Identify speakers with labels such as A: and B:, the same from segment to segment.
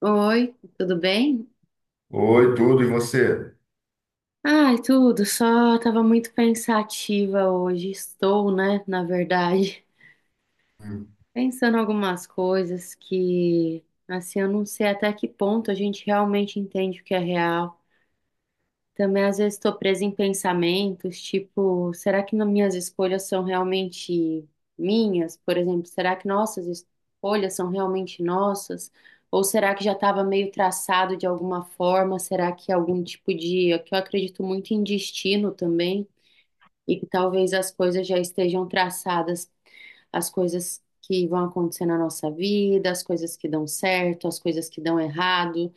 A: Oi, tudo bem?
B: Oi, tudo, e você?
A: Ai, tudo, só tava muito pensativa hoje. Estou, né, na verdade,
B: Hum,
A: pensando algumas coisas que, assim, eu não sei até que ponto a gente realmente entende o que é real. Também às vezes estou presa em pensamentos, tipo, será que na- minhas escolhas são realmente minhas? Por exemplo, será que nossas escolhas são realmente nossas? Ou será que já estava meio traçado de alguma forma? Será que é algum tipo de, que eu acredito muito em destino também, e que talvez as coisas já estejam traçadas, as coisas que vão acontecer na nossa vida, as coisas que dão certo, as coisas que dão errado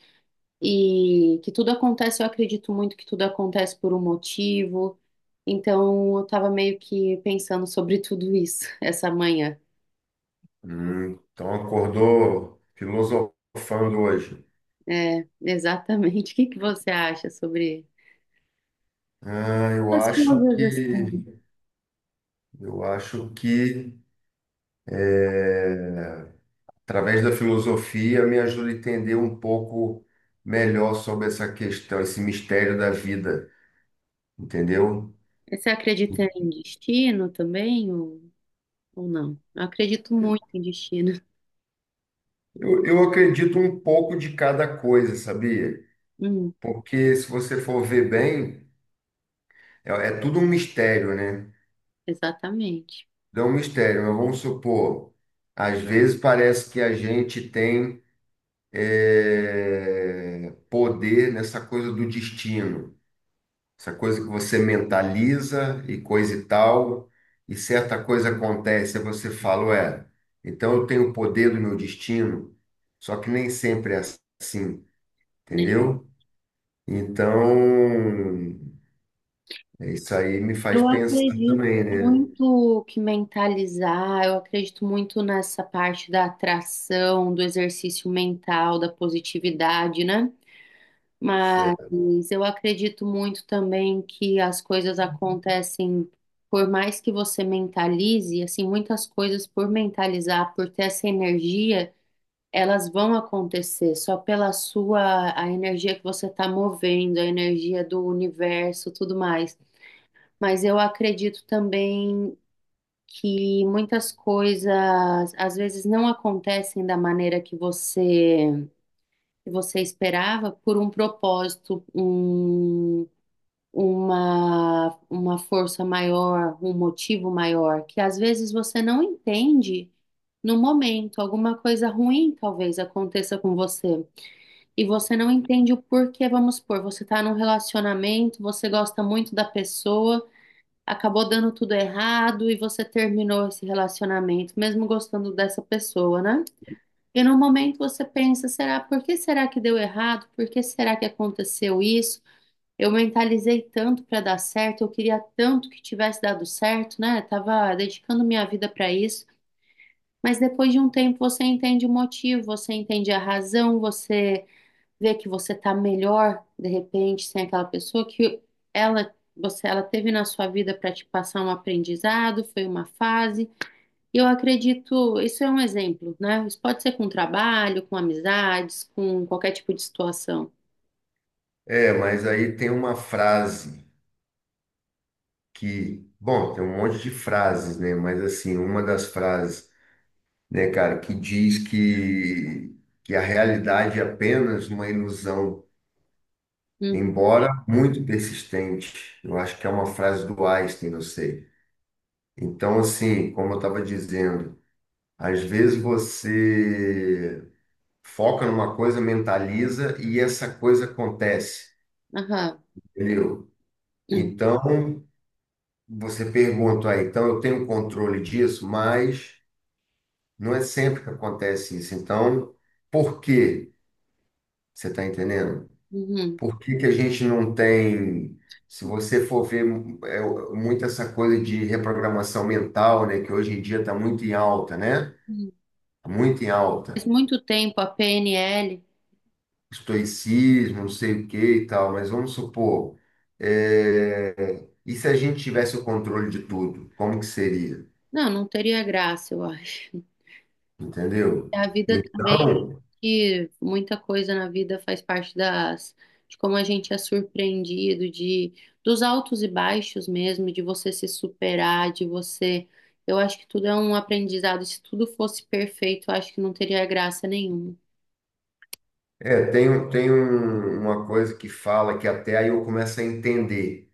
A: e que tudo acontece, eu acredito muito que tudo acontece por um motivo. Então, eu tava meio que pensando sobre tudo isso essa manhã.
B: então acordou filosofando hoje.
A: É, exatamente. O que que você acha sobre
B: Ah, eu
A: essas
B: acho
A: coisas assim?
B: que eu acho que eh, através da filosofia me ajuda a entender um pouco melhor sobre essa questão, esse mistério da vida, entendeu?
A: Você acredita em destino também ou não? Eu acredito muito em destino.
B: Eu acredito um pouco de cada coisa, sabia?
A: Hum,
B: Porque se você for ver bem, é tudo um mistério, né?
A: exatamente.
B: Não é um mistério, mas vamos supor, às É. vezes parece que a gente tem poder nessa coisa do destino, essa coisa que você mentaliza e coisa e tal, e certa coisa acontece, aí você fala, ué, então eu tenho o poder do meu destino, só que nem sempre é assim,
A: Né?
B: entendeu? Então, é, isso aí me faz
A: Eu
B: pensar
A: acredito
B: também, né?
A: muito que mentalizar, eu acredito muito nessa parte da atração, do exercício mental, da positividade, né?
B: Cê-
A: Mas eu acredito muito também que as coisas acontecem, por mais que você mentalize, assim, muitas coisas por mentalizar, por ter essa energia, elas vão acontecer só pela sua, a energia que você está movendo, a energia do universo, tudo mais. Mas eu acredito também que muitas coisas às vezes não acontecem da maneira que você esperava por um propósito, um, uma força maior, um motivo maior, que às vezes você não entende no momento. Alguma coisa ruim talvez aconteça com você e você não entende o porquê. Vamos supor, você está num relacionamento, você gosta muito da pessoa, acabou dando tudo errado e você terminou esse relacionamento, mesmo gostando dessa pessoa, né? E no momento você pensa, será, por que será que deu errado? Por que será que aconteceu isso? Eu mentalizei tanto para dar certo, eu queria tanto que tivesse dado certo, né? Tava dedicando minha vida para isso. Mas depois de um tempo você entende o motivo, você entende a razão, você ver que você tá melhor de repente sem aquela pessoa que ela você ela teve na sua vida para te passar um aprendizado, foi uma fase. E eu acredito, isso é um exemplo, né? Isso pode ser com trabalho, com amizades, com qualquer tipo de situação.
B: É, mas aí tem uma frase bom, tem um monte de frases, né? Mas assim, uma das frases, né, cara, que diz que a realidade é apenas uma ilusão,
A: Uhum,
B: embora muito persistente. Eu acho que é uma frase do Einstein, não sei. Então, assim, como eu estava dizendo, às vezes você foca numa coisa, mentaliza e essa coisa acontece,
A: aham,
B: entendeu?
A: uhum,
B: Então, você pergunta aí, então eu tenho controle disso, mas não é sempre que acontece isso. Então, por quê? Você está entendendo?
A: uhum.
B: Por que que a gente não tem, se você for ver é, muito essa coisa de reprogramação mental, né, que hoje em dia está muito em alta, né?
A: Uhum.
B: Tá muito em
A: Faz
B: alta.
A: muito tempo a PNL,
B: Estoicismo, não sei o que e tal, mas vamos supor, é, e se a gente tivesse o controle de tudo, como que seria?
A: não, não teria graça, eu acho.
B: Entendeu?
A: A vida também
B: Então,
A: que muita coisa na vida faz parte das, de como a gente é surpreendido, de dos altos e baixos mesmo, de você se superar, de você. Eu acho que tudo é um aprendizado. Se tudo fosse perfeito, eu acho que não teria graça nenhuma.
B: é, tem, uma coisa que fala que até aí eu começo a entender,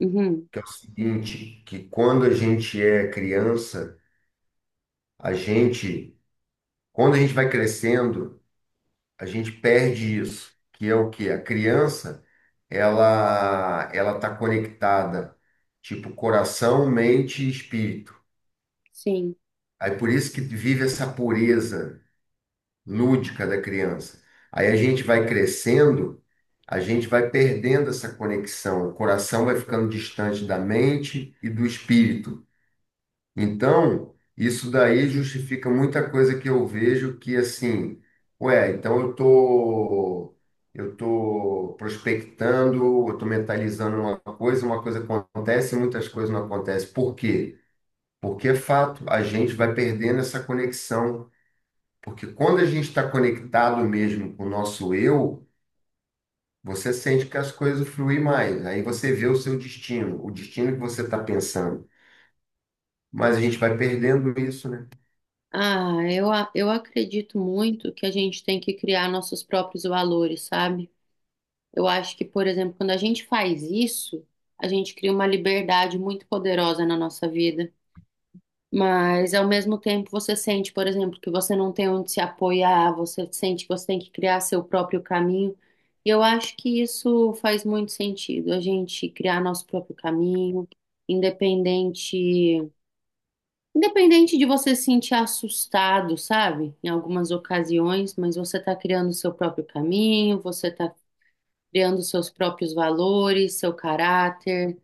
A: Uhum,
B: que é o seguinte, que quando a gente é criança, a gente, quando a gente vai crescendo, a gente perde isso, que é o quê? A criança, ela tá conectada, tipo, coração, mente e espírito.
A: sim.
B: Aí por isso que vive essa pureza lúdica da criança. Aí a gente vai crescendo, a gente vai perdendo essa conexão, o coração vai ficando distante da mente e do espírito. Então, isso daí justifica muita coisa que eu vejo que assim, ué, então eu tô prospectando, eu tô mentalizando uma coisa acontece, muitas coisas não acontecem. Por quê? Porque é fato, a gente vai perdendo essa conexão. Porque quando a gente está conectado mesmo com o nosso eu, você sente que as coisas fluem mais. Aí você vê o seu destino, o destino que você está pensando. Mas a gente vai perdendo isso, né?
A: Ah, eu, eu acredito muito que a gente tem que criar nossos próprios valores, sabe? Eu acho que, por exemplo, quando a gente faz isso, a gente cria uma liberdade muito poderosa na nossa vida. Mas ao mesmo tempo você sente, por exemplo, que você não tem onde se apoiar, você sente que você tem que criar seu próprio caminho. E eu acho que isso faz muito sentido, a gente criar nosso próprio caminho, independente, independente de você se sentir assustado, sabe? Em algumas ocasiões, mas você está criando seu próprio caminho, você está criando seus próprios valores, seu caráter,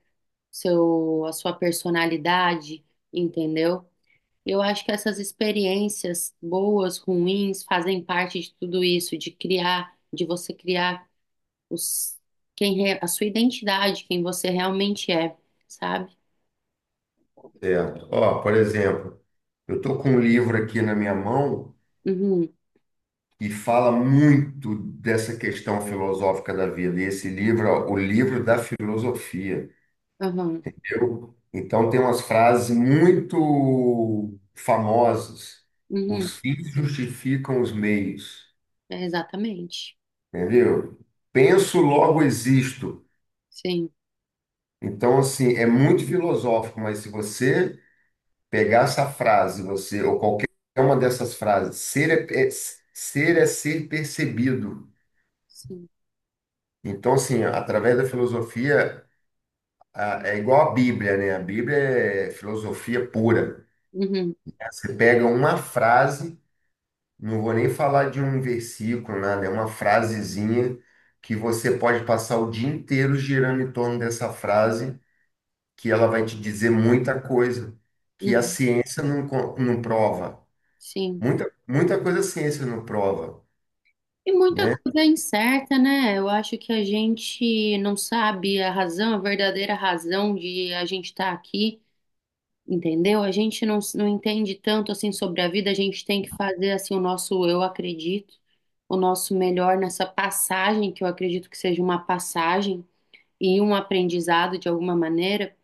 A: seu, a sua personalidade, entendeu? Eu acho que essas experiências boas, ruins, fazem parte de tudo isso, de criar, de você criar os, quem re- a sua identidade, quem você realmente é, sabe?
B: Certo. Ó, por exemplo, eu estou com um livro aqui na minha mão
A: Uhum,
B: que fala muito dessa questão filosófica da vida. E esse livro, ó, o livro da filosofia.
A: uhum,
B: Eu, então tem umas frases muito famosas.
A: uhum,
B: Os fins justificam os meios,
A: é exatamente.
B: entendeu? Penso, logo existo.
A: Sim,
B: Então, assim, é muito filosófico, mas se você pegar essa frase, você, ou qualquer uma dessas frases, ser é ser percebido.
A: sim,
B: Então, assim, através da filosofia, é igual a Bíblia, né? A Bíblia é filosofia pura.
A: uhum,
B: Você pega uma frase, não vou nem falar de um versículo, nada, é uma frasezinha que você pode passar o dia inteiro girando em torno dessa frase que ela vai te dizer muita coisa que a
A: uhum,
B: ciência não prova.
A: sim.
B: Muita, muita coisa a ciência não prova,
A: E muita
B: né?
A: coisa é incerta, né? Eu acho que a gente não sabe a razão, a verdadeira razão de a gente estar aqui. Entendeu? A gente não, não entende tanto assim sobre a vida, a gente tem que fazer assim o nosso eu acredito, o nosso melhor nessa passagem, que eu acredito que seja uma passagem e um aprendizado de alguma maneira,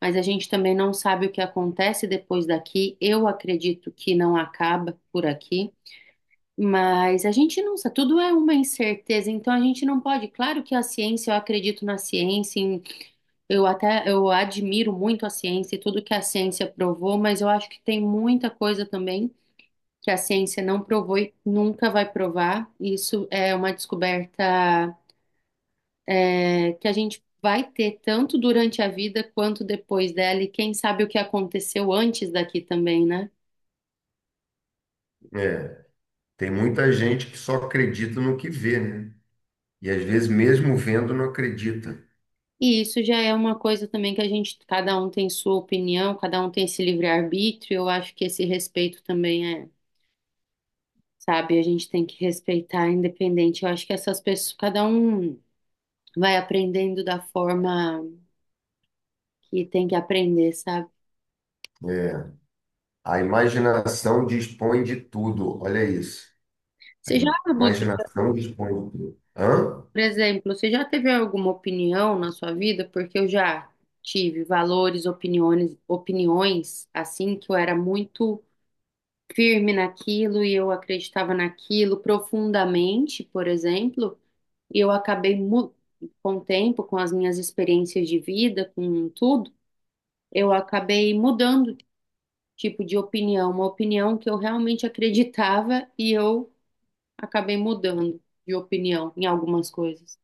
A: mas a gente também não sabe o que acontece depois daqui. Eu acredito que não acaba por aqui, mas a gente não sabe, tudo é uma incerteza, então a gente não pode, claro que a ciência, eu acredito na ciência, eu até eu admiro muito a ciência e tudo que a ciência provou, mas eu acho que tem muita coisa também que a ciência não provou e nunca vai provar. Isso é uma descoberta que a gente vai ter tanto durante a vida quanto depois dela, e quem sabe o que aconteceu antes daqui também, né?
B: É, tem muita gente que só acredita no que vê, né? E às vezes, mesmo vendo, não acredita.
A: E isso já é uma coisa também que a gente, cada um tem sua opinião, cada um tem esse livre-arbítrio. Eu acho que esse respeito também é, sabe? A gente tem que respeitar independente. Eu acho que essas pessoas, cada um vai aprendendo da forma que tem que aprender, sabe?
B: É, a imaginação dispõe de tudo, olha isso. A
A: Você já mudou,
B: imaginação dispõe de tudo. Hã?
A: por exemplo, você já teve alguma opinião na sua vida? Porque eu já tive valores, opiniões, opiniões assim que eu era muito firme naquilo e eu acreditava naquilo profundamente, por exemplo, e eu acabei com o tempo, com as minhas experiências de vida, com tudo, eu acabei mudando tipo de opinião, uma opinião que eu realmente acreditava e eu acabei mudando de opinião em algumas coisas.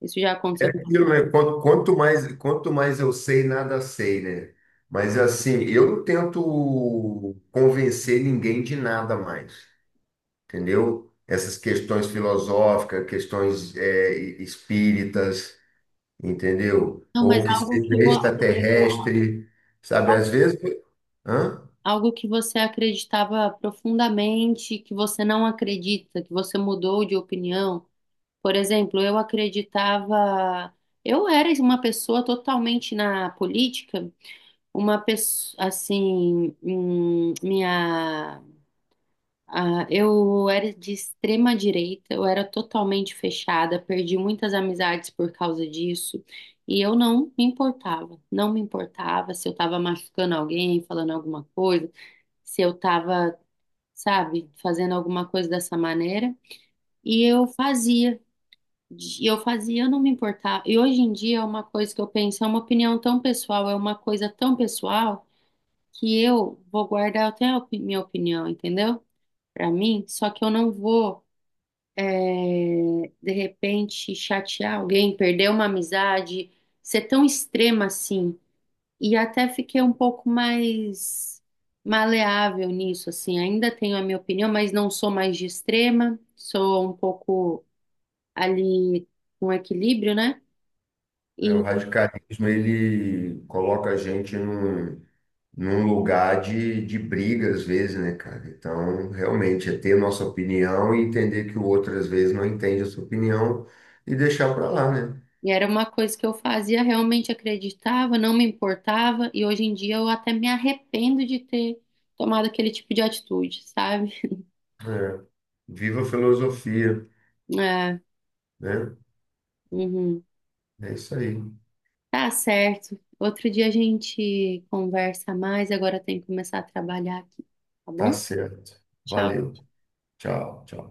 A: Isso já aconteceu com você.
B: Aquilo, né? Quanto mais eu sei, nada sei, né? Mas assim, eu não tento convencer ninguém de nada mais. Entendeu? Essas questões filosóficas, espíritas, entendeu?
A: Não,
B: Ou
A: mas
B: que seja extraterrestre, sabe? Às vezes, hã?
A: algo que você acreditava profundamente, que você não acredita, que você mudou de opinião. Por exemplo, eu acreditava, eu era uma pessoa totalmente na política, uma pessoa assim, minha Ah, eu era de extrema direita, eu era totalmente fechada, perdi muitas amizades por causa disso, e eu não me importava, não me importava se eu estava machucando alguém, falando alguma coisa, se eu estava, sabe, fazendo alguma coisa dessa maneira, e eu fazia, e eu fazia, eu não me importava. E hoje em dia é uma coisa que eu penso, é uma opinião tão pessoal, é uma coisa tão pessoal que eu vou guardar até a minha opinião, entendeu? Pra mim, só que eu não vou é, de repente chatear alguém, perder uma amizade, ser tão extrema assim. E até fiquei um pouco mais maleável nisso, assim. Ainda tenho a minha opinião, mas não sou mais de extrema, sou um pouco ali com equilíbrio, né?
B: É, o
A: E,
B: radicalismo ele coloca a gente num lugar de briga, às vezes, né, cara? Então, realmente, é ter nossa opinião e entender que o outro, às vezes, não entende a sua opinião e deixar para lá, né?
A: e era uma coisa que eu fazia, realmente acreditava, não me importava, e hoje em dia eu até me arrependo de ter tomado aquele tipo de atitude, sabe?
B: É. Viva a filosofia,
A: É,
B: né?
A: uhum.
B: É isso aí.
A: Tá certo. Outro dia a gente conversa mais, agora tem que começar a trabalhar aqui, tá
B: Tá
A: bom?
B: certo.
A: Tchau.
B: Valeu. Tchau, tchau.